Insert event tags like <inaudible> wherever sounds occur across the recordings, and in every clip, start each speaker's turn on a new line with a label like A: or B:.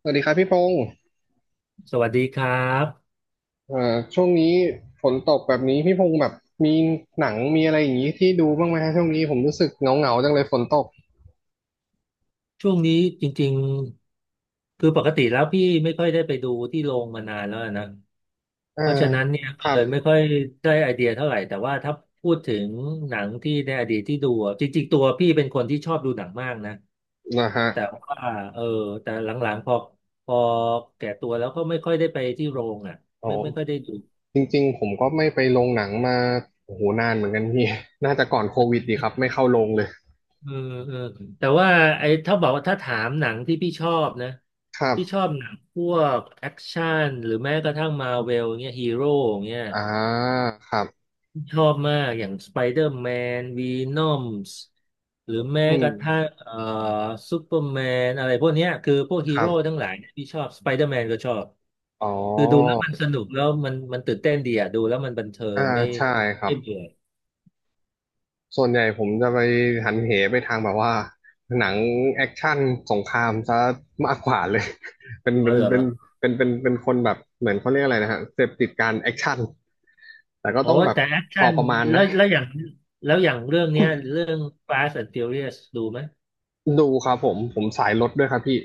A: สวัสดีครับพี่พงศ์
B: สวัสดีครับ
A: ช่วงนี้ฝนตกแบบนี้พี่พงศ์แบบมีหนังมีอะไรอย่างนี้ที่ดูบ้างไหมฮะช่วงนี้ผมรู้สึกเหงาๆจังเลยฝนตก
B: ช่วงนี้จริงๆคือปกติแล้วพี่ไม่ค่อยได้ไปดูที่โรงมานานแล้วนะ
A: เอ่า
B: เพราะฉะนั้นเนี่ย
A: ค
B: ก็
A: รั
B: เล
A: บ
B: ยไม่ค่อยได้ไอเดียเท่าไหร่แต่ว่าถ้าพูดถึงหนังที่ในอดีตที่ดูอะจริงๆตัวพี่เป็นคนที่ชอบดูหนังมากนะ
A: นะฮะ
B: แต่ว่าเออแต่หลังๆพอแก่ตัวแล้วก็ไม่ค่อยได้ไปที่โรงอ่ะ
A: โอ
B: ไม่ค่อยได้
A: ้
B: ดู
A: จริงๆผมก็ไม่ไปโรงหนังมาโอ้โหนานเหมือนกันพี่ <laughs> น่าจะก่อนโควิดดีครับไม่เข้าโรงเลย
B: เออเออแต่ว่าไอ้ถ้าบอกว่าถ้าถามหนังที่พี่ชอบนะ
A: ครั
B: พี่ชอ
A: บ
B: บหนังพวกแอคชั่นหรือแม้กระทั่งมาเวลเงี้ยฮีโร่เงี้ย
A: อ่าครับ
B: ชอบมากอย่างสไปเดอร์แมนวีนอมส์หรือแม้
A: อื
B: ก
A: ม
B: ระทั่งซูเปอร์แมนอะไรพวกเนี้ยคือพวก
A: ค
B: ฮี
A: รั
B: โร่
A: บ
B: ทั้งหลายเนี่ยพี่ชอบสไปเดอร์แมนก็ชอบ
A: อ๋อ
B: คือดูแล้วมันสนุกแล้วมันตื่นเต้นดีอ่ะดูแล้วมันบันเทิ
A: อ่า
B: งไม่
A: ใช่ครั
B: ไม่
A: บ
B: เบื่อ
A: ส่วนใหญ่ผมจะไปหันเหไปทางแบบว่าหนังแอคชั่นสงครามซะมากกว่าเลย <laughs> เป็น
B: อ๋อ
A: เป็น
B: เห
A: เป็
B: ร
A: น
B: อ
A: เป็นเป็นเป็นคนแบบเหมือนเขาเรียกอะไรนะฮะเสพติดการแอคชั่นแต่ก็
B: โอ้
A: ต้องแบบ
B: แต่แอค
A: พอ
B: ชั่น
A: ประมาณ
B: แล้
A: นะ
B: วแล้วอย่างแล้วอย่างเรื่องเนี้ยเรื่อง Fast and Furious ดูไหม
A: ดูครับผมสายรถด้วยครับพี่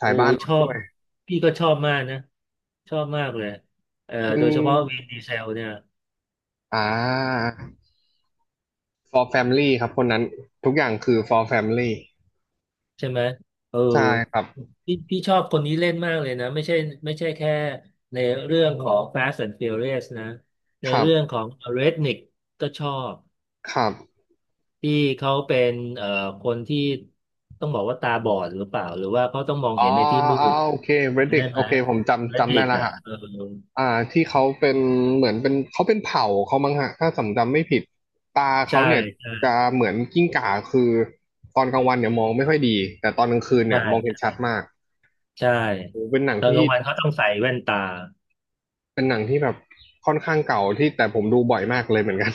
A: สา
B: โอ้
A: ยบ้านร
B: ช
A: ถ
B: อ
A: ด้
B: บ
A: วย
B: พี่ก็ชอบมากนะชอบมากเลย
A: มัน
B: โดยเฉพาะวินดีเซลเนี่ย
A: อ่า for family ครับคนนั้นทุกอย่างคือ for family
B: ใช่ไหมเออ
A: ใช่ครับ
B: พี่พี่ชอบคนนี้เล่นมากเลยนะไม่ใช่ไม่ใช่แค่ในเรื่องของ Fast and Furious นะใน
A: ครั
B: เรื่อง
A: บ
B: ของ Redneck ก็ชอบ
A: ครับ
B: ที่เขาเป็นเอ่อคนที่ต้องบอกว่าตาบอดหรือเปล่าหรือว่าเขาต้องมอง
A: อ๋
B: เห็
A: อ
B: นในที่มื
A: อ๋อ
B: ด
A: โอเค
B: จำได้
A: Reddick
B: ไหม
A: โอเคผม
B: และ
A: จำ
B: เด็
A: ได้
B: ก
A: แล้ว
B: อ่ะ
A: ฮะ
B: เออ
A: อ่าที่เขาเป็นเหมือนเป็นเขาเป็นเผ่าเขามั้งฮะถ้าจำไม่ผิดตา
B: ใช่
A: เขาเนี่ยจะ
B: ใช่
A: เหมือนกิ้งก่าคือตอนกลางวันเนี่ยมองไม่ค่อยดีแต่ตอนกลางคืนเนี่ยมองเห็น
B: ใช่
A: ชัดมาก
B: ใช่
A: โอ้เป็นหนัง
B: ตอน
A: ที่
B: กลางวันเขาต้องใส่แว่นตา
A: เป็นหนังที่แบบค่อนข้างเก่าที่แต่ผมดูบ่อยมากเลยเหมือนกัน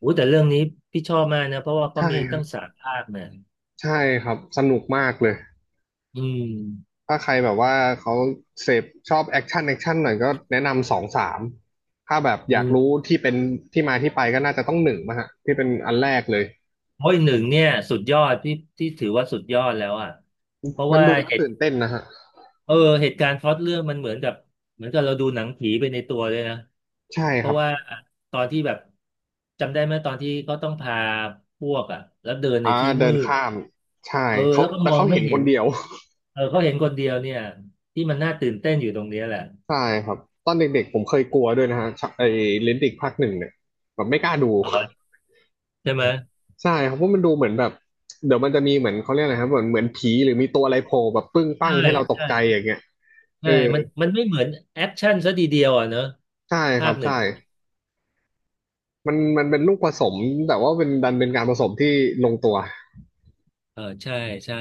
B: อู้แต่เรื่องนี้พี่ชอบมากนะเพราะว่า
A: <laughs>
B: เขา
A: ใช่
B: มี
A: ครั
B: ตั้ง
A: บ
B: สามภาคเนี่ย
A: ใช่ครับสนุกมากเลย
B: อืม
A: ถ้าใครแบบว่าเขาเสพชอบแอคชั่นแอคชั่นหน่อยก็แนะนำสองสามถ้าแบบอ
B: อื
A: ยาก
B: ม
A: รู้ที่เป็นที่มาที่ไปก็น่าจะต้องหนึ่งมาฮะที่เป็นอันแรกเลย
B: โอ้ยหนึ่งเนี่ยสุดยอดที่ที่ถือว่าสุดยอดแล้วอ่ะเพราะ
A: มัน
B: ว่า
A: ดูแล้ว
B: เหตุ
A: ตื่นเต้นนะฮะ
B: เออเหตุการณ์พล็อตเรื่องมันเหมือนกับเหมือนกับเราดูหนังผีไปในตัวเลยนะ
A: ใช่
B: เพ
A: ครั
B: ราะ
A: บ
B: ว่าตอนที่แบบจำได้ไหมตอนที่เขาต้องพาพวกอ่ะแล้วเดินใน
A: อ่า
B: ที่
A: เดิ
B: มื
A: น
B: ด
A: ข้ามใช่
B: เออ
A: เขา
B: แล้วก็
A: แล้ว
B: มอง
A: เขา
B: ไม่
A: เห็นค
B: เห็
A: น
B: น
A: เดียว
B: เออเขาเห็นคนเดียวเนี่ยที่มันน่าตื่นเต้นอยู่ตรงเนี้ยแหละ
A: <laughs> ใช่ครับตอนเด็กๆผมเคยกลัวด้วยนะฮะชะไอ้เลนดิกภาคหนึ่งเนี่ยแบบไม่กล้าดู
B: อ๋อใช่ไหม
A: <laughs> ใช่ครับเพราะมันดูเหมือนแบบเดี๋ยวมันจะมีเหมือนเขาเรียกอะไรครับเหมือนผีหรือมีตัวอะไรโผล่แบบปึ้งปั้ง
B: ใช่
A: ให้เราตกใจ
B: ใช่
A: อย่างเงี้ยเอ
B: ใช่
A: อ
B: มันไม่เหมือนแอคชั่นซะทีเดียวอ่ะเนอะ
A: ใช่ค
B: ภา
A: รับ
B: คหนึ่
A: ใช่
B: ง
A: มันเป็นลูกผสมแต่ว่าเป็นดันเป็นการผสมที่ลงตัว
B: เออใช่ใช่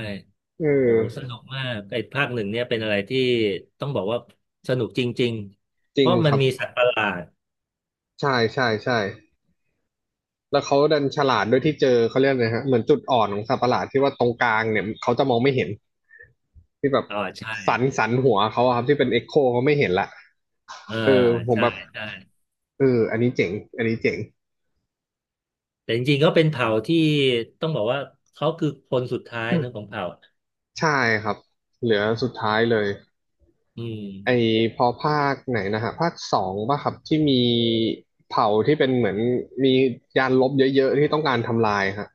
A: เอ
B: โอ้สนุ
A: อ
B: กมากไอ้ภาคหนึ่งเนี่ยเป็นอะไรที่ต้องบอกว่าสนุกจริงๆ
A: จ
B: เพ
A: ริง
B: ราะ
A: ค
B: มัน
A: รับ
B: มีสัตว์ประหลาด
A: ใช่ใช่ใช่ แล้วเขาดันฉลาดด้วยที่เจอเขาเรียกอะไรฮะเหมือนจุดอ่อนของสัตว์ประหลาดที่ว่าตรงกลางเนี่ยเขาจะมองไม่เห็นที่แบบ
B: อ๋อใช่
A: สันหัวเขาอะครับที่เป็นเอ็กโคเขาไม่เห็นละ
B: เออ
A: เออผม
B: ใช่
A: แบบ
B: ใช่
A: เอออันนี้เจ๋งอันนี้เจ๋ง
B: แต่จริงๆก็เป็นเผ่าที่ต้องบอกว่าเขาคือคนสุดท้ายเนอะของเผ่า
A: ใช่ครับเหลือสุดท้ายเลย
B: อืม
A: ไอพอภาคไหนนะฮะภาคสองป่ะครับที่มีเผ่าที่เป็นเหมือนมียานลบเยอะๆที่ต้องการทำลายฮะ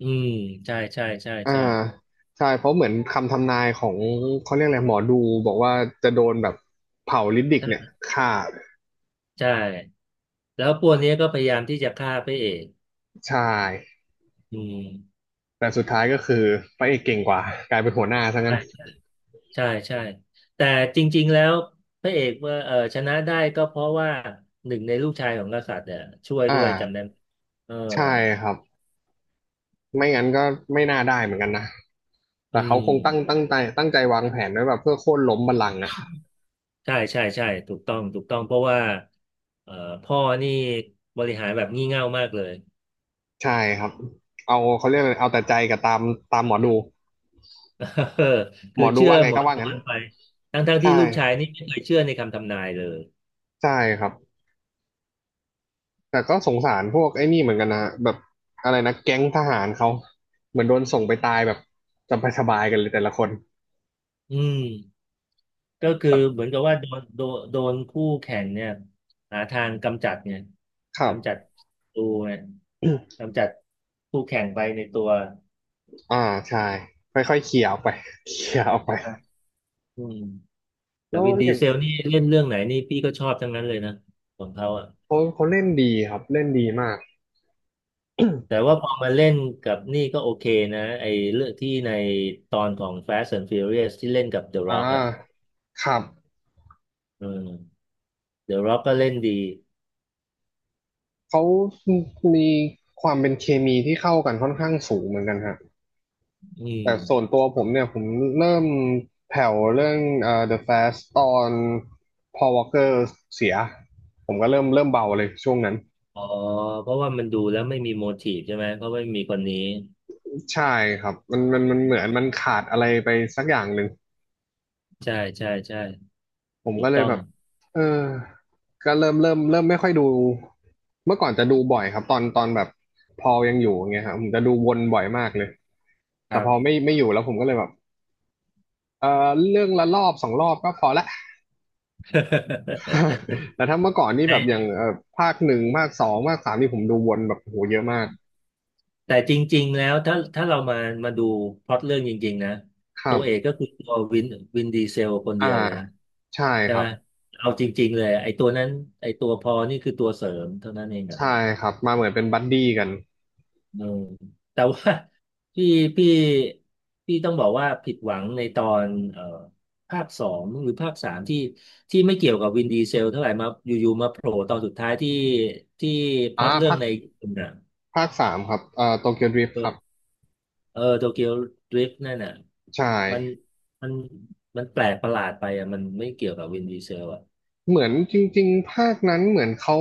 B: อืมใช่ใช่ใช่
A: อ่า
B: ใช่
A: ใช่เพราะเหมือนคำทำนายของเขาเรียกอะไรหมอดูบอกว่าจะโดนแบบเผาลิดดิกเนี่ยฆ่า
B: ใช่แล้วพวกนี้ก็พยายามที่จะฆ่าพระเอก
A: ใช่
B: อืม
A: แต่สุดท้ายก็คือพระเอกเก่งกว่ากลายเป็นหัวหน้าซะงั้
B: ใช่
A: น
B: ใช่ใช่แต่จริงๆแล้วพระเอกว่าเออชนะได้ก็เพราะว่าหนึ่งในลูกชายของกษัตริย์เนี่ยช่วย
A: อ
B: ด้วยจำได้
A: ่า
B: ไหมเออ
A: ใช่ครับไม่งั้นก็ไม่น่าได้เหมือนกันนะ
B: อื
A: แต่เขาคงตั้ง
B: ม
A: ตั้งใจตั้งใจวางแผนไว้แบบเพื่อโค่นล้มบัลลังก์อ่ะ
B: ใช่ใช่ใช่ถูกต้องถูกต้องเพราะว่าเอ่อพ่อนี่บริหารแบบงี่เง่ามากเลย
A: ใช่ครับเอาเขาเรียกอะไรเอาแต่ใจกับตามหมอดู
B: <laughs> เออ
A: หม
B: คือ
A: อดู
B: เชื่อ
A: ว่าไง
B: หมอ
A: ก็ว่า
B: ดู
A: งั้น
B: กันไปทั้งๆที่
A: ใช่
B: ลูกชายนี่ไม่เคยเชื่อในคำทำนายเลย
A: ใช่ครับ แต่ก็สงสารพวกไอ้นี่เหมือนกันนะฮะแบบอะไรนะแก๊งทหารเขาเหมือนโดนส่งไปตายแบบสบายสบายกันเลยแต่ละคน
B: อืม ก็คือเหมือนกับว่าโดนคู่แข่งเนี่ยหาทางกำจัดเนี่ย
A: ครับ
B: กำจัดัตูเนี่ย
A: <coughs>
B: กำจัดคู่แข่งไปในตัว
A: <clears throat> อ่าใช่ค่อยๆเคลียร์ออกไป <laughs> เคลียร์ออกไป
B: อ่าอืมแต่
A: แล้ว
B: วินดี
A: อย่าง
B: เซลนี่เล่นเรื่องไหนนี่พี่ก็ชอบทั้งนั้นเลยนะของเขาอ่ะ
A: เขาเล่นดีครับเล่นดีมาก
B: แต่ว่าพอมาเล่นกับนี่ก็โอเคนะไอ้เรื่องที่ในตอนของ Fast and Furious ที่เล่นกับ The
A: อ่
B: Rock อ่ะ
A: าครับ
B: อืม The Rock ก็เล่นดี
A: เขามีความเป็นเคมีที่เข้ากันค่อนข้างสูงเหมือนกันฮะ
B: อื
A: แต่
B: ม
A: ส่วนตัวผมเนี่ยผมเริ่มแผ่วเรื่องThe f a s t ตอน Paul Walker เสียผมก็เริ่มเบาเลยช่วงนั้น
B: อ๋อเพราะว่ามันดูแล้วไม่มีโมทีฟใช่ไหมเพราะว่าไม่มีคนนี้
A: ใช่ครับมันเหมือนมันขาดอะไรไปสักอย่างหนึ่ง
B: ใช่ใช่ใช่
A: ผม
B: ถู
A: ก็
B: ก
A: เล
B: ต้
A: ย
B: อง
A: แบบเออก็เริ่มไม่ค่อยดูเมื่อก่อนจะดูบ่อยครับตอนแบบพอยังอยู่อย่างเงี้ยครับผมจะดูวนบ่อยมากเลย
B: ค
A: แต่
B: รั
A: พ
B: บ
A: อไม่อยู่แล้วผมก็เลยแบบเออเรื่องละรอบสองรอบก็พอละ
B: <laughs>
A: <laughs> แต่ถ้าเมื่อก่อนนี่
B: แต่
A: แบบอย่างภาคหนึ่งภาคสองภาคสามนี่ผมดูวนแบบโหเยอะมาก
B: แต่จริงๆแล้วถ้าเรามามาดูพล็อตเรื่องจริงๆนะ
A: ครั
B: ตัวเอก
A: บ
B: ก็คือตัววินวินดีเซลคน
A: อ่า
B: เดียวเลยนะ
A: ใช่
B: ใช่
A: ครั
B: ไหม
A: บ
B: เอาจริงๆเลยไอ้ตัวนั้นไอ้ตัวพอนี่คือตัวเสริมเท่านั้นเองอะ
A: ใช่ครับมาเหมือนเป็นบัดดี้กัน
B: เออแต่ว่า <laughs> พี่พี่พี่ต้องบอกว่าผิดหวังในตอนภาคสองหรือภาคสามที่ที่ไม่เกี่ยวกับวินดีเซลเท่าไหร่มาอยู่ๆมาโผล่ตอนสุดท้ายที่ที่พ
A: อ่า
B: ล็อตเรื่อ
A: ภา
B: ง
A: ค
B: ในญีปุ่นอะ
A: ภาคสามครับโตเกียวดริฟท์ครับ
B: เออ เออโตเกียวดริฟต์นั่นน่ะ
A: ใช
B: มัน
A: ่
B: มันมันแปลกประหลาดไปอ่ะมันไม่เกี่ยวกับวินดีเซลอ่ะ
A: เหมือนจริงๆภาคนั้นเหมือนเขา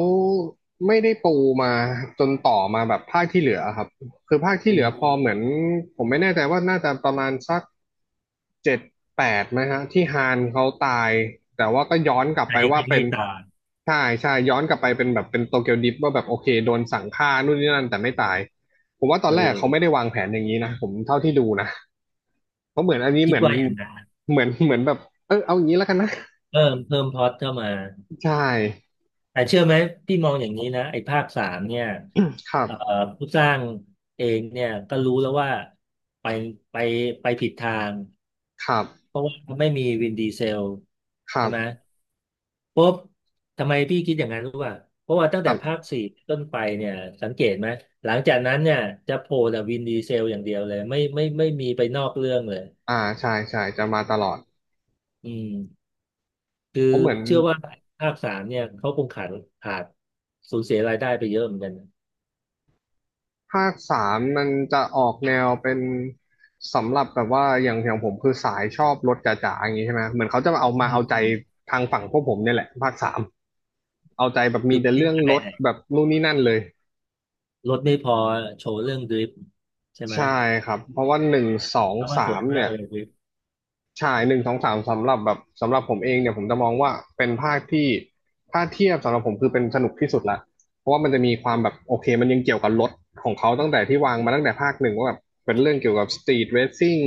A: ไม่ได้ปูมาจนต่อมาแบบภาคที่เหลือครับคือภาคที่
B: อื
A: เหลือพอ
B: ม
A: เหมือนผมไม่แน่ใจว่าน่าจะประมาณสักเจ็ดแปดไหมฮะที่ฮานเขาตายแต่ว่าก็ย้อนกลับ
B: ใจ
A: ไปว่า
B: ที่
A: เป็
B: ไม่
A: น
B: ตาย
A: ใช่ใช่ย้อนกลับไปเป็นแบบเป็นโตเกียวดริฟต์ว่าแบบโอเคโดนสั่งฆ่านู่นนี่นั่นแต่ไม่ตายผมว่าตอ
B: เอ
A: นแรกเขาไม่ได้
B: อ
A: วางแผนอย่างนี้นะผมเท่าที่ดูนะเพราะเหมือนอันนี้
B: คิ
A: เห
B: ด
A: มือน
B: ว่าอย่างนั้น
A: แบบเออเอาอย่างนี้แล้วกันนะ
B: เพิ่มพล็อตเข้ามา
A: ใช่
B: แต่เชื่อไหมพี่มองอย่างนี้นะไอ้ภาคสามเนี่ย
A: ครั
B: เอ่อ
A: บ
B: ผู้สร้างเองเนี่ยก็รู้แล้วว่าไปไปไปผิดทาง
A: ครับ
B: เพราะว่าไม่มีวินดีเซล
A: ครั
B: ใช่
A: บ
B: ไหม ปุ๊บทำไมพี่คิดอย่างนั้นรู้ป่ะเพราะว่าตั้ง
A: ค
B: แต่
A: รั
B: ภา
A: บ
B: คสี่ต้นไปเนี่ยสังเกตไหมหลังจากนั้นเนี่ยจะโผล่แต่วินดีเซลอย่างเดียวเลยไม่มีไปนอกเรื่องเลย
A: อ่าใช่ใช่จะมาตลอด
B: อืมคือ
A: เพราะเหมือน
B: เชื่อว่าภาคสามเนี่ยเขาคงขาดสูญเสียรายได้ไปเยอะเหมือนกันนะ
A: ภาคสามมันจะออกแนวเป็นสำหรับแบบว่าอย่างผมคือสายชอบรถจ๋าๆ อย่างนี้ใช่ไหม เหมือนเขาจะมาเอา
B: อื
A: มาเอาใจ
B: ม
A: ทางฝั่งพวกผมเนี่ยแหละภาคสามเอาใจแบบมี
B: คือ
A: แต่
B: ไม่
A: เรื่อง
B: ได้
A: รถ
B: ไหน
A: แบบนู่นนี่นั่นเลย
B: รถไม่พอโชว์เรื่องดริฟต์ใช่ไหม
A: ใช่ครับ เพราะว่าหนึ่งสอง
B: เอามาส
A: สา
B: วย
A: ม
B: มา
A: เนี่
B: ก
A: ย
B: เลยดริฟต์
A: ฉายหนึ่งสองสามสำหรับแบบสำหรับผมเองเนี่ยผมจะมองว่าเป็นภาคที่ถ้าเทียบสำหรับผมคือเป็นสนุกที่สุดละเพราะว่ามันจะมีความแบบโอเคมันยังเกี่ยวกับรถของเขาตั้งแต่ที่วางมาตั้งแต่ภาคหนึ่งว่าแบบเป็นเรื่องเกี่ยวกับสตรีทเรซซิ่ง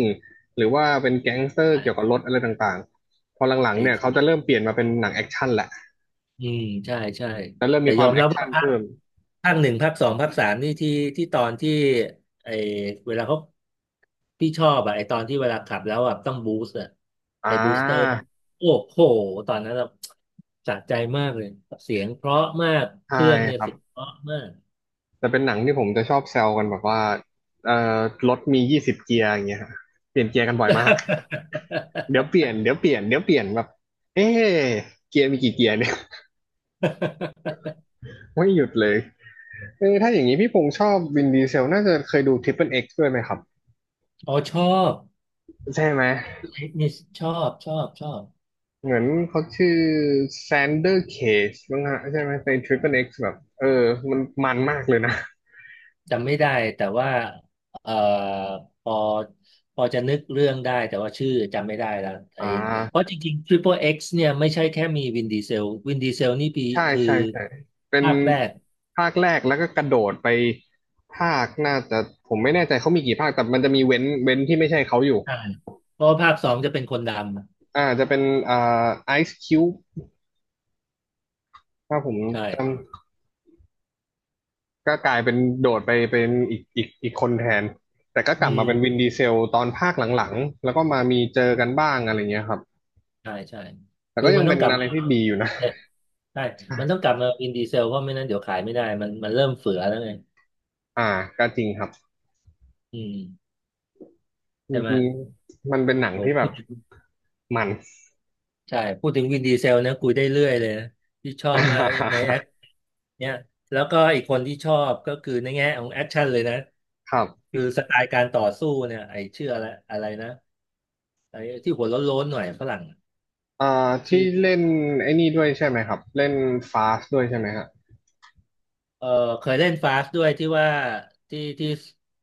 A: หรือว่าเป็นแก๊งสเตอร์เกี่ยวกับ
B: อ่ะ
A: รถอะไรต่างๆพอหลัง
B: ไอ
A: ๆเนี่ยเขาจะ
B: ้
A: เริ่มเปลี่ยนมาเป็นหนังแอคชั่นแหละ
B: อืมใช่ใช่
A: จะเริ่ม
B: แต่
A: มีค
B: ย
A: วา
B: อ
A: ม
B: ม
A: แอ
B: รั
A: ค
B: บ
A: ชั่
B: ว่า
A: น
B: ภาค
A: เพิ่ม
B: ภาคหนึ่งภาคสองภาคสามนี่ที่ตอนที่ไอเวลาเขาพี่ชอบอะไอตอนที่เวลาขับแล้วอะต้องบูสต์อะ
A: อ่
B: ไอบูสเตอร์
A: า
B: โอ้โหตอนนั้นเราสะใจมากเลยเสียงเพราะมากเค
A: ใช่
B: รื่องเนี่
A: ค
B: ย
A: รับ
B: เสียงเพราะมาก
A: จะเป็นหนังที่ผมจะชอบแซวกันแบบว่าเอ่อรถมี20เกียร์อย่างเงี้ยฮะเปลี่ยนเกียร์กันบ่อยมาก เดี๋ยวเปลี่ยนเดี๋ยวเปลี่ยน เดี๋ยวเปลี่ยนแบบเอ๊ะเกียร์มีกี่เกียร์เนี่ย <laughs> ไม่หยุดเลยเออถ้าอย่างนี้พี่พงษ์ชอบวินดีเซลน่าจะเคยดูทริป l e X เอ็กซ์ด้วยไหมครับ
B: <laughs> อ๋อชอบ
A: ใช่ไหม
B: นี่ชอบชอบชอบ
A: เหมือนเขาชื่อแซนเดอร์เคจมังฮะใช่ไหมในทริป l e X เอ็กซ์แบบ เออมันมากเลยนะ
B: จำไม่ได้แต่ว่าเอ่อพอพอจะนึกเรื่องได้แต่ว่าชื่อจำไม่ได้แล้ว
A: <laughs>
B: ไอ้
A: อ่า
B: เพราะจริงๆ Triple X เนี่ยไม่ใช่แค่มีวินดีเซลนี่ปี
A: ใช่
B: คือ
A: ใช่ ใช่ เป็น
B: ภาคแรก
A: ภาคแรกแล้วก็กระโดดไปภาคน่าจะผมไม่แน่ใจเขามีกี่ภาค แต่มันจะมีเว้นที่ไม่ใช่เขาอยู่
B: ใช่เพราะว่าภาคสองจะเป็นคนด
A: จะเป็นอ่ไอซ์คิวถ้าผม
B: ำใช่
A: จำ ก็กลายเป็นโดดไปเป็นอีกคนแทนแต่ก็ก
B: อื
A: ลับมาเป็นวิน
B: ม
A: ดีเซลตอนภาคหลังๆแล้วก็มามีเจอกันบ้างอะไรเงี้ยครับ
B: ใช่ใช่
A: แต่
B: คื
A: ก็
B: อ
A: ยั
B: มั
A: ง
B: นต้
A: เป็
B: อ
A: น
B: งกลับ
A: อะไร
B: มา
A: ที่ดีอยู่นะ
B: เนี่ยใช่
A: <laughs> ใช่
B: มันต้องกลับมาวินดีเซลเพราะไม่นั้นเดี๋ยวขายไม่ได้มันเริ่มเฟือแล้วไง
A: อ่าก็จริงครับ
B: อืม
A: จ
B: ใช่ไหม
A: ริงๆมันเป็นหนังที่แบบมัน
B: ใช่พูดถึงวินดีเซลนะคุยได้เรื่อยเลยนะที่ชอบมากในแอ
A: <laughs>
B: คเนี่ยแล้วก็อีกคนที่ชอบก็คือในแง่ของแอคชั่นเลยนะ
A: ครับ
B: คือสไตล์การต่อสู้เนี่ยไอ้ชื่ออะไรอะไรนะไอ้ที่หัวโล้นๆหน่อยฝรั่ง
A: อ่า
B: ชื่
A: ที่
B: อ
A: เล่นไอ้นี่ด้วยใช่ไหมครับเล่นฟาสด้วยใช่ไหมฮะ
B: เออเคยเล่นฟาสด้วยที่ว่าที่ที่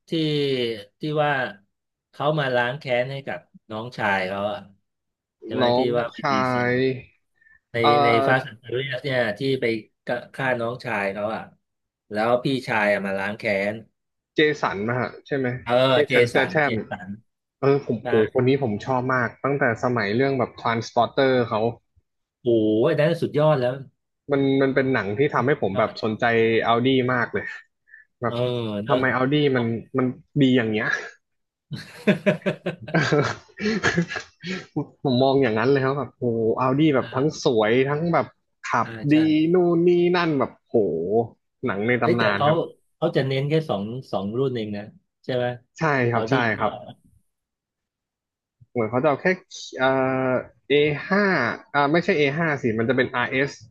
B: ที่ที่ว่าเขามาล้างแค้นให้กับน้องชายเขาอะใช่ไหม
A: น้อ
B: ที่
A: ง
B: ว่าวิน
A: ชา
B: ดีเซล
A: ย
B: ใน
A: เอ่อ
B: ในฟาสต์แอนด์ฟิวเรียสเนี่ยที่ไปฆ่าน้องชายเขาอ่ะแล้วพี่ชายอะมาล้างแค้น
A: เจสันนะฮะใช่ไหม
B: เออ
A: เจ
B: เจ
A: สันสเต
B: สั
A: t
B: น
A: ท
B: เจ
A: ม
B: สัน
A: เออผม
B: ใช่
A: โหคนนี้ผมชอบมากตั้งแต่สมัยเรื่องแบบ Transporter เขา
B: โอ้ยนั้นสุดยอดแล้ว
A: มันมันเป็นหนังที่ทำให้ผม
B: ย
A: แบ
B: อ
A: บส
B: ด
A: นใจ Audi มากเลยแบ
B: เอ
A: บ
B: อเน
A: ทำ
B: อะ
A: ไม
B: <laughs>
A: Audi มันดีอย่างเงี้ย <laughs> ผมมองอย่างนั้นเลยครับแบบโห Audi แบบทั้ง
B: อ่า
A: สวยทั้งแบบขับ
B: ใช่
A: ดีนู่นนี่นั่นแบบโหหนังใน
B: เฮ้ย
A: ตำ
B: แต่
A: นาน
B: เขา
A: ครับ
B: เขาจะเน้นแค่สองรุ่นเองนะใช่ไหม
A: ใช่ครั
B: เอา
A: บ
B: ดี
A: ใช่ค
B: ก็
A: รับ เหมือนเขาจะเอาแค่เอ่อ A5 อห้าอ่าไม่ใช่ A5 สิมันจะเป็น RS เอ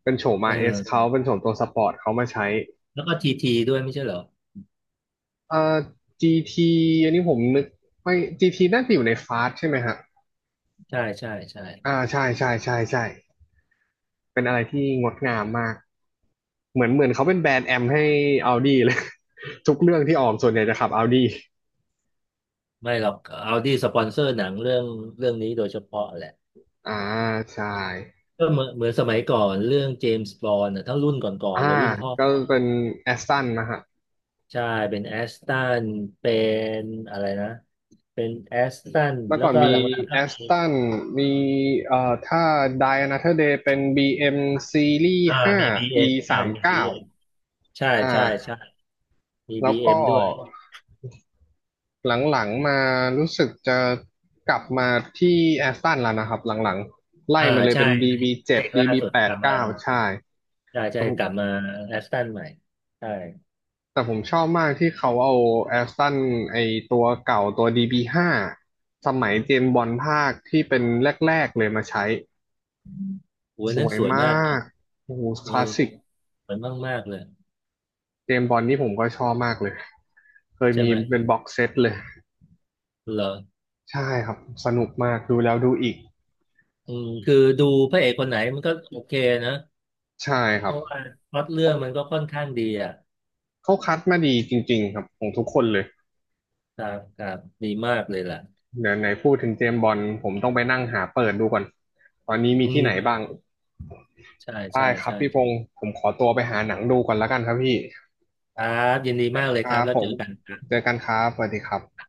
A: สเป็นโฉม
B: เอ
A: RS เอสเขา
B: อ
A: เป็นโฉมตัวสปอร์ตเขามาใช้
B: แล้วก็ทีทีด้วยไม่ใช่เหรอ
A: เอ่อ GT อันนี้ผมนึกไม่ GT น่าจะอยู่ในฟาสใช่ไหมฮะ
B: ใช่ใช่ใช่
A: อ่าใช่ใช่ใช่ใช่เป็นอะไรที่งดงามมากเหมือนเหมือนเขาเป็นแบรนด์แอมให้ Audi เลย <laughs> ทุกเรื่องที่ออกส่วนใหญ่จะขับ Audi
B: ไม่หรอกเอาดีสปอนเซอร์หนังเรื่องนี้โดยเฉพาะแหละ
A: อ่าใช่
B: ก็เหมือนสมัยก่อนเรื่องเจมส์บอนด์ทั้งรุ่นก่อน
A: อ่า
B: ๆเลยรุ่นพ่อ
A: ก็เป็นแอสตันนะฮะ
B: ใช่เป็นแอสตันเป็นอะไรนะเป็นแอสตัน
A: เมื่อ
B: แล้
A: ก่
B: ว
A: อน
B: ก็หล
A: มี
B: ังๆ
A: แอ
B: ก็
A: ส
B: มี
A: ตันมีถ้า Die Another Day เป็น BM Series
B: อ่า
A: 5
B: มีบีเอ็
A: E
B: มใช่
A: สามสิบ
B: มีบี
A: เก้า
B: เอ็มใช่
A: อ
B: ใช่
A: ่า
B: ใช่มี
A: แล้
B: บี
A: ว
B: เอ็ม
A: ก็
B: ด้วย
A: หลังๆมารู้สึกจะกลับมาที่แอสตันแล้วนะครับหลังๆไล่
B: อ่า
A: มาเลย
B: ใช่
A: เป็น
B: ใน
A: DB
B: เพ
A: เจ็
B: ล
A: ด
B: งล่า
A: DB
B: สุด
A: แป
B: ก
A: ด
B: ลับมา
A: เก้าใช่
B: ใช่ใช่
A: แต่ผ
B: ก
A: ม
B: ลับมาแอสตันใหม่ใช่
A: แต่ผมชอบมากที่เขาเอาแอสตันไอตัวเก่าตัว DB ห้าสมัยเจมส์บอนด์ภาคที่เป็นแรกๆเลยมาใช้
B: โอ้ย
A: ส
B: นั้น
A: วย
B: สวยมาก
A: มากโอ้โห
B: เอ
A: ค
B: อ
A: ลาสสิก
B: สวยมากมากเลย
A: เจมส์บอนด์นี่ผมก็ชอบมากเลย เคย
B: ใช่
A: มี
B: ไหม
A: เป็นบ็อกเซตเลย
B: เหรอ
A: ใช่ครับสนุกมากดูแล้วดูอีก
B: อืมคือดูพระเอกคนไหนมันก็โอเคนะ
A: ใช่ค
B: เพ
A: รับ
B: ราะว่าพล็อตเรื่องมันก็ค่อนข้างดีอ่ะ
A: เขาคัดมาดีจริงๆครับของทุกคนเลย
B: ครับครับดีมากเลยล่ะ
A: เดี๋ยวไหนพูดถึงเจมส์บอนด์ผมต้องไปนั่งหาเปิดดูก่อนตอนนี้มี
B: อื
A: ที่ไหน
B: ม
A: บ้าง
B: ใช่
A: ได้
B: ใช่
A: ครับ
B: ใช่
A: พี่พงศ์ผมขอตัวไปหาหนังดูก่อนแล้วกันครับพี่
B: ครับยินดีมากเลย
A: ค
B: ค
A: รั
B: รับ
A: บ
B: แล้ว
A: ผ
B: เจ
A: ม
B: อกันครับ
A: เจอกันครับสวัสดีครับ